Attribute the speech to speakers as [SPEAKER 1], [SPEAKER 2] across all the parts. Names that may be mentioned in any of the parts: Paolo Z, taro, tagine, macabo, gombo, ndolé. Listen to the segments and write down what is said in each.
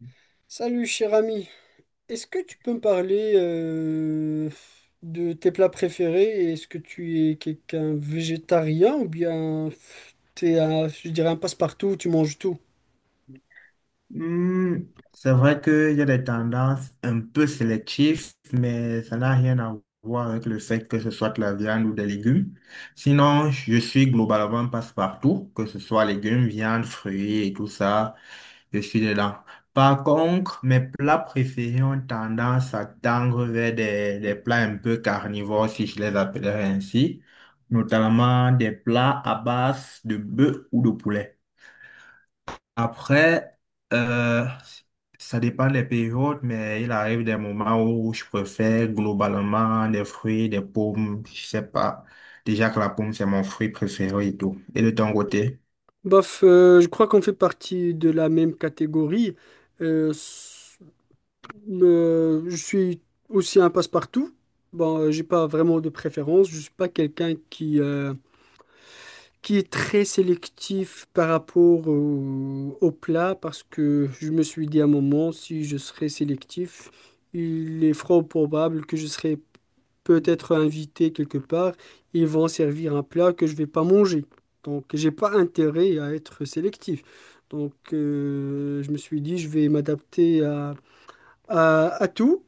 [SPEAKER 1] Mhm.
[SPEAKER 2] Salut cher ami, est-ce que tu peux me parler de tes plats préférés? Est-ce que tu es quelqu'un végétarien ou bien t'es un, je dirais un passe-partout, tu manges tout?
[SPEAKER 1] Hmm, c'est vrai qu'il y a des tendances un peu sélectives, mais ça n'a rien à voir avec le fait que ce soit de la viande ou des légumes. Sinon, je suis globalement passe-partout, que ce soit légumes, viande, fruits et tout ça, je suis dedans. Par contre, mes plats préférés ont tendance à tendre vers des plats un peu carnivores, si je les appellerais ainsi, notamment des plats à base de bœuf ou de poulet. Après, euh, ça dépend des périodes, mais il arrive des moments où je préfère globalement des fruits, des pommes, je sais pas. Déjà que la pomme, c'est mon fruit préféré et tout. Et de ton côté?
[SPEAKER 2] Bof, je crois qu'on fait partie de la même catégorie. Euh, s- je suis aussi un passe-partout. Bon, j'ai pas vraiment de préférence. Je suis pas quelqu'un qui est très sélectif par rapport au plat parce que je me suis dit à un moment, si je serais sélectif, il est fort probable que je serais peut-être invité quelque part. Ils vont servir un plat que je vais pas manger. Donc, j'ai pas intérêt à être sélectif. Donc, je me suis dit, je vais m'adapter à, à tout.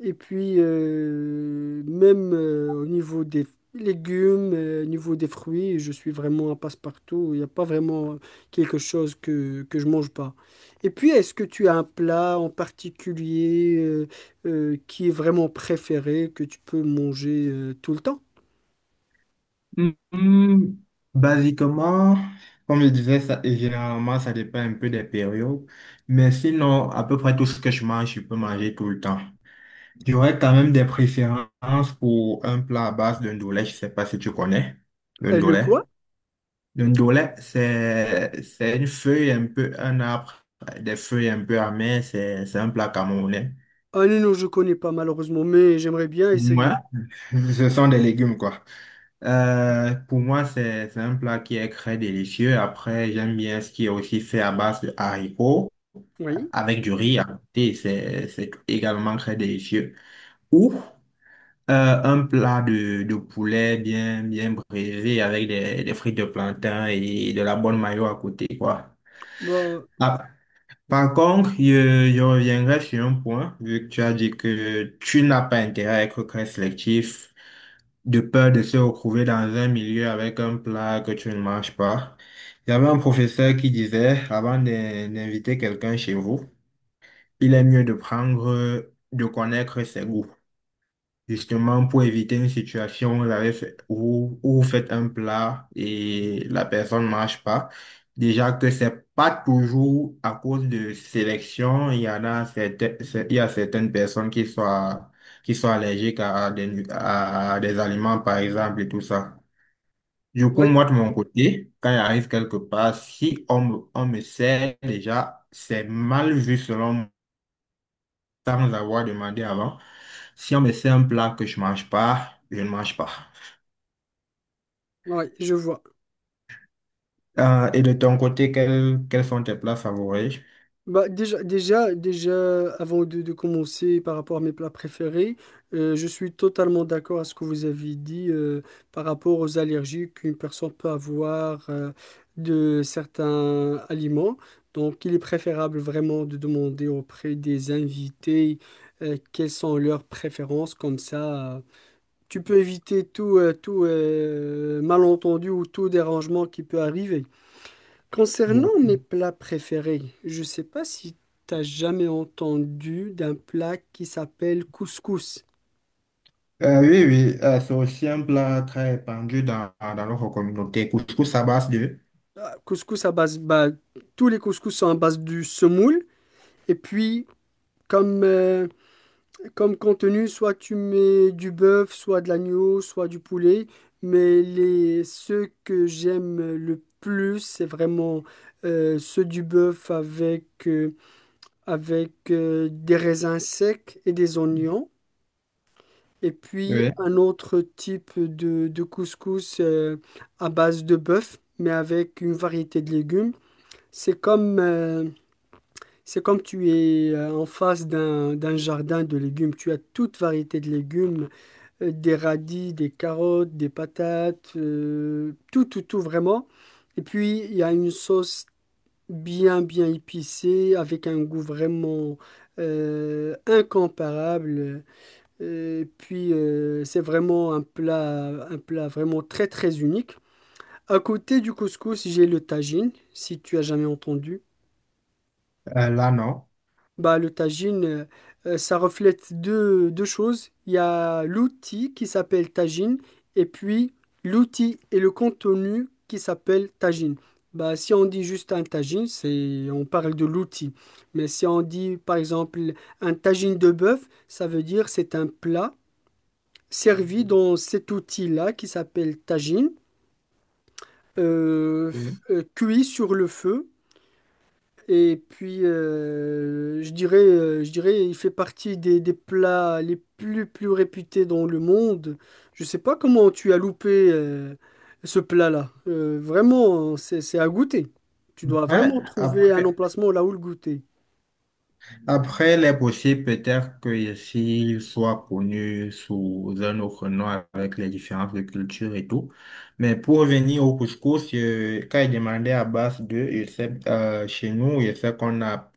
[SPEAKER 2] Et puis, même au niveau des légumes, au niveau des fruits, je suis vraiment un passe-partout. Il n'y a pas vraiment quelque chose que je mange pas. Et puis, est-ce que tu as un plat en particulier qui est vraiment préféré, que tu peux manger tout le temps?
[SPEAKER 1] Hmm, basiquement, comme je disais, ça, généralement, ça dépend un peu des périodes. Mais sinon, à peu près tout ce que je mange, je peux manger tout le temps. J'aurais quand même des préférences pour un plat à base de ndolé, je sais pas si tu connais le
[SPEAKER 2] Le
[SPEAKER 1] ndolé.
[SPEAKER 2] quoi?
[SPEAKER 1] Le ndolé, c'est une feuille un peu, un arbre, des feuilles un peu amères, c'est un plat camerounais.
[SPEAKER 2] Ah non, non, je connais pas malheureusement, mais j'aimerais bien essayer.
[SPEAKER 1] Moi, ce sont des légumes, quoi. Pour moi, c'est un plat qui est très délicieux. Après, j'aime bien ce qui est aussi fait à base de haricots,
[SPEAKER 2] Oui,
[SPEAKER 1] avec du riz à côté, c'est également très délicieux. Ou Un plat de poulet bien, bien braisé avec des frites de plantain et de la bonne mayo à côté, quoi.
[SPEAKER 2] bah,
[SPEAKER 1] Par contre, je reviendrai sur un point, vu que tu as dit que tu n'as pas intérêt à être très sélectif, de peur de se retrouver dans un milieu avec un plat que tu ne manges pas. Il y avait un professeur qui disait, avant d'inviter quelqu'un chez vous, il est mieux de prendre, de connaître ses goûts. Justement, pour éviter une situation où où vous faites un plat et la personne ne marche pas. Déjà que c'est pas toujours à cause de sélection. Il y a certaines personnes qui sont allergiques à à des aliments, par exemple, et tout ça. Du coup,
[SPEAKER 2] oui,
[SPEAKER 1] moi, de mon côté, quand il arrive quelque part, si on me sert déjà, c'est mal vu selon sans avoir demandé avant. Si on me fait un plat que je mange pas, je ne mange pas.
[SPEAKER 2] oui, je vois.
[SPEAKER 1] Et de ton côté, quels sont tes plats favoris?
[SPEAKER 2] Bah, déjà, avant de commencer par rapport à mes plats préférés, je suis totalement d'accord à ce que vous avez dit par rapport aux allergies qu'une personne peut avoir de certains aliments. Donc, il est préférable vraiment de demander auprès des invités quelles sont leurs préférences. Comme ça, tu peux éviter tout, tout malentendu ou tout dérangement qui peut arriver.
[SPEAKER 1] Ouais.
[SPEAKER 2] Concernant mes plats préférés, je ne sais pas si tu as jamais entendu d'un plat qui s'appelle couscous.
[SPEAKER 1] Oui, oui, c'est aussi un plat très répandu dans notre communauté. Couscous à base de…
[SPEAKER 2] Ah, Couscous à base, bah, tous les couscous sont à base du semoule. Et puis, comme, euh, comme contenu, soit tu mets du bœuf, soit de l'agneau, soit du poulet. Mais les, ceux que j'aime le plus, c'est vraiment ceux du bœuf avec des raisins secs et des oignons. Et puis
[SPEAKER 1] Oui.
[SPEAKER 2] un autre type de couscous à base de bœuf, mais avec une variété de légumes. C'est c'est comme tu es en face d'un, d'un jardin de légumes. Tu as toute variété de légumes, des radis, des carottes, des patates, tout, tout, tout vraiment. Et puis il y a une sauce bien, bien épicée, avec un goût vraiment incomparable. Et puis, c'est vraiment un plat vraiment très, très unique. À côté du couscous, j'ai le tagine, si tu as jamais entendu.
[SPEAKER 1] Là, non.
[SPEAKER 2] Bah, le tagine, ça reflète deux, deux choses. Il y a l'outil qui s'appelle tagine et puis l'outil et le contenu qui s'appelle tagine. Bah, si on dit juste un tagine, c'est, on parle de l'outil. Mais si on dit, par exemple, un tagine de bœuf, ça veut dire c'est un plat servi
[SPEAKER 1] Ok.
[SPEAKER 2] dans cet outil-là qui s'appelle tagine, euh, cuit sur le feu. Et puis, je dirais, il fait partie des plats les plus, plus réputés dans le monde. Je sais pas comment tu as loupé ce plat-là. Vraiment, c'est à goûter. Tu dois
[SPEAKER 1] Ouais,
[SPEAKER 2] vraiment trouver un
[SPEAKER 1] après.
[SPEAKER 2] emplacement là où le goûter.
[SPEAKER 1] Après, il est possible peut-être que ici, il soit connu sous un autre nom avec les différences de culture et tout. Mais pour revenir au couscous, quand il demandait à base de, je sais, chez nous, je sais qu'on a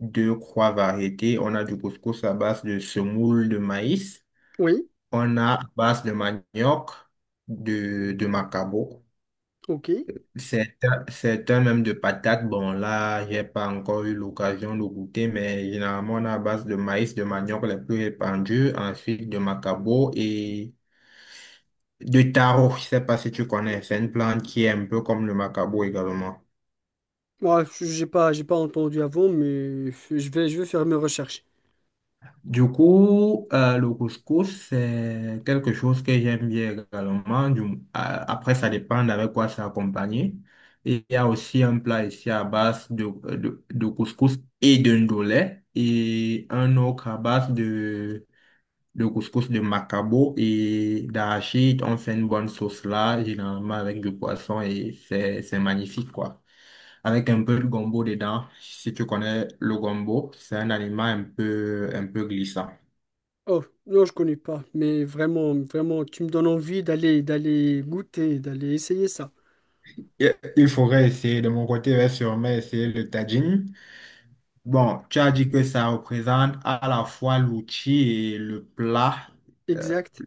[SPEAKER 1] deux, trois variétés. On a du couscous à base de semoule de maïs.
[SPEAKER 2] Oui,
[SPEAKER 1] On a à base de manioc, de macabo,
[SPEAKER 2] ok.
[SPEAKER 1] certains même de patates. Bon, là, j'ai pas encore eu l'occasion de goûter, mais généralement, on a à base de maïs, de manioc les plus répandus, ensuite de macabo et de taro. Je sais pas si tu connais, c'est une plante qui est un peu comme le macabo également.
[SPEAKER 2] Moi, j'ai pas entendu avant, mais je vais faire mes recherches.
[SPEAKER 1] Du coup, le couscous, c'est quelque chose que j'aime bien également. Après, ça dépend avec quoi c'est accompagné. Et il y a aussi un plat ici à base de couscous et de ndolé et un autre à base de le couscous de Macabo et d'arachide. On fait une bonne sauce là, généralement avec du poisson et c'est magnifique quoi. Avec un peu de gombo dedans. Si tu connais le gombo, c'est un aliment un peu glissant.
[SPEAKER 2] Oh, non, je connais pas, mais vraiment, vraiment, tu me donnes envie d'aller, d'aller goûter, d'aller essayer ça.
[SPEAKER 1] Il faudrait essayer. De mon côté, je vais sûrement essayer le tagine. Bon, tu as dit que ça représente à la fois l'outil et le plat. Euh,
[SPEAKER 2] Exact.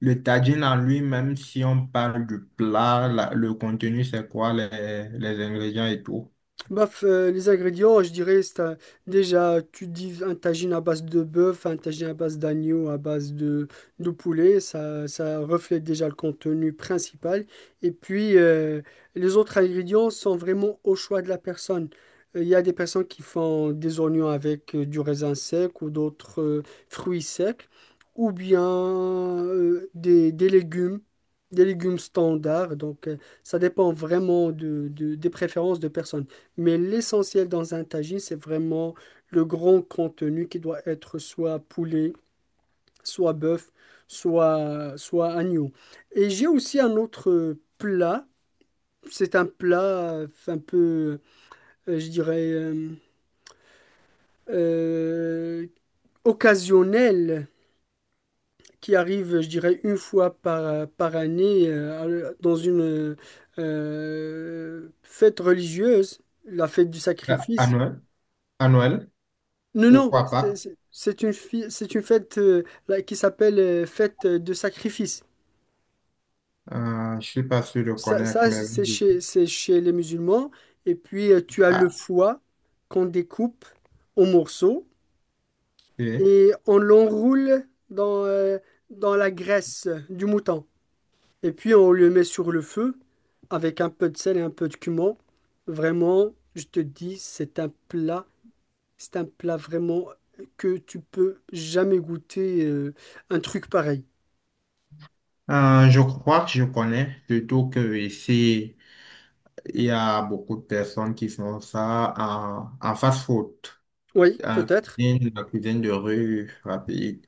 [SPEAKER 1] le tagine en lui-même, si on parle du plat, le contenu, c'est quoi, les ingrédients et tout.
[SPEAKER 2] Baf, les ingrédients, je dirais, déjà, tu dis un tagine à base de bœuf, un tagine à base d'agneau, à base de poulet, ça reflète déjà le contenu principal. Et puis, les autres ingrédients sont vraiment au choix de la personne. Il y a des personnes qui font des oignons avec du raisin sec ou d'autres fruits secs, ou bien euh, des, des légumes, des légumes standards. Donc, ça dépend vraiment de, des préférences de personnes. Mais l'essentiel dans un tagine, c'est vraiment le grand contenu qui doit être soit poulet, soit bœuf, soit agneau. Et j'ai aussi un autre plat. C'est un plat un peu, je dirais, euh, occasionnel qui arrive, je dirais, une fois par, par année dans une fête religieuse, la fête du
[SPEAKER 1] Euh, À
[SPEAKER 2] sacrifice.
[SPEAKER 1] Noël, à Noël
[SPEAKER 2] Non,
[SPEAKER 1] ou
[SPEAKER 2] non,
[SPEAKER 1] à Pâques,
[SPEAKER 2] c'est une, c'est une fête là, qui s'appelle fête de sacrifice.
[SPEAKER 1] je suis pas sûr de
[SPEAKER 2] Ça,
[SPEAKER 1] connaître,
[SPEAKER 2] ça,
[SPEAKER 1] mais
[SPEAKER 2] c'est
[SPEAKER 1] oui.
[SPEAKER 2] c'est chez les musulmans. Et puis, tu as le
[SPEAKER 1] Ah,
[SPEAKER 2] foie qu'on découpe en morceaux
[SPEAKER 1] oui.
[SPEAKER 2] et on l'enroule dans, dans la graisse du mouton. Et puis, on le met sur le feu avec un peu de sel et un peu de cumin. Vraiment, je te dis, c'est un plat vraiment que tu peux jamais goûter un truc pareil.
[SPEAKER 1] Je crois que je connais, surtout que ici. Il y a beaucoup de personnes qui font ça en, en fast-food,
[SPEAKER 2] Oui,
[SPEAKER 1] en
[SPEAKER 2] peut-être.
[SPEAKER 1] cuisine, la cuisine de rue rapide.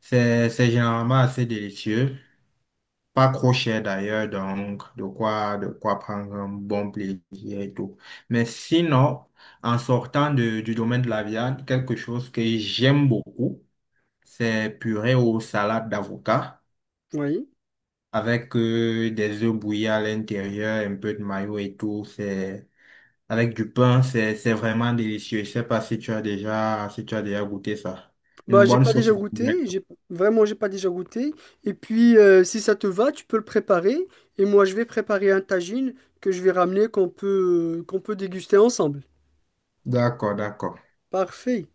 [SPEAKER 1] C'est généralement assez délicieux, pas trop cher d'ailleurs, donc de quoi prendre un bon plaisir et tout. Mais sinon, en sortant du domaine de la viande, quelque chose que j'aime beaucoup, c'est purée aux salades d'avocat
[SPEAKER 2] Oui.
[SPEAKER 1] avec des œufs bouillis à l'intérieur, un peu de mayo et tout. C'est avec du pain, c'est vraiment délicieux. Je sais pas si tu as déjà, si tu as déjà goûté ça.
[SPEAKER 2] Bah,
[SPEAKER 1] Une
[SPEAKER 2] j'ai
[SPEAKER 1] bonne
[SPEAKER 2] pas déjà
[SPEAKER 1] sauce.
[SPEAKER 2] goûté. J'ai vraiment, j'ai pas déjà goûté. Et puis, si ça te va, tu peux le préparer. Et moi, je vais préparer un tagine que je vais ramener qu'on peut déguster ensemble.
[SPEAKER 1] D'accord, d'accord.
[SPEAKER 2] Parfait.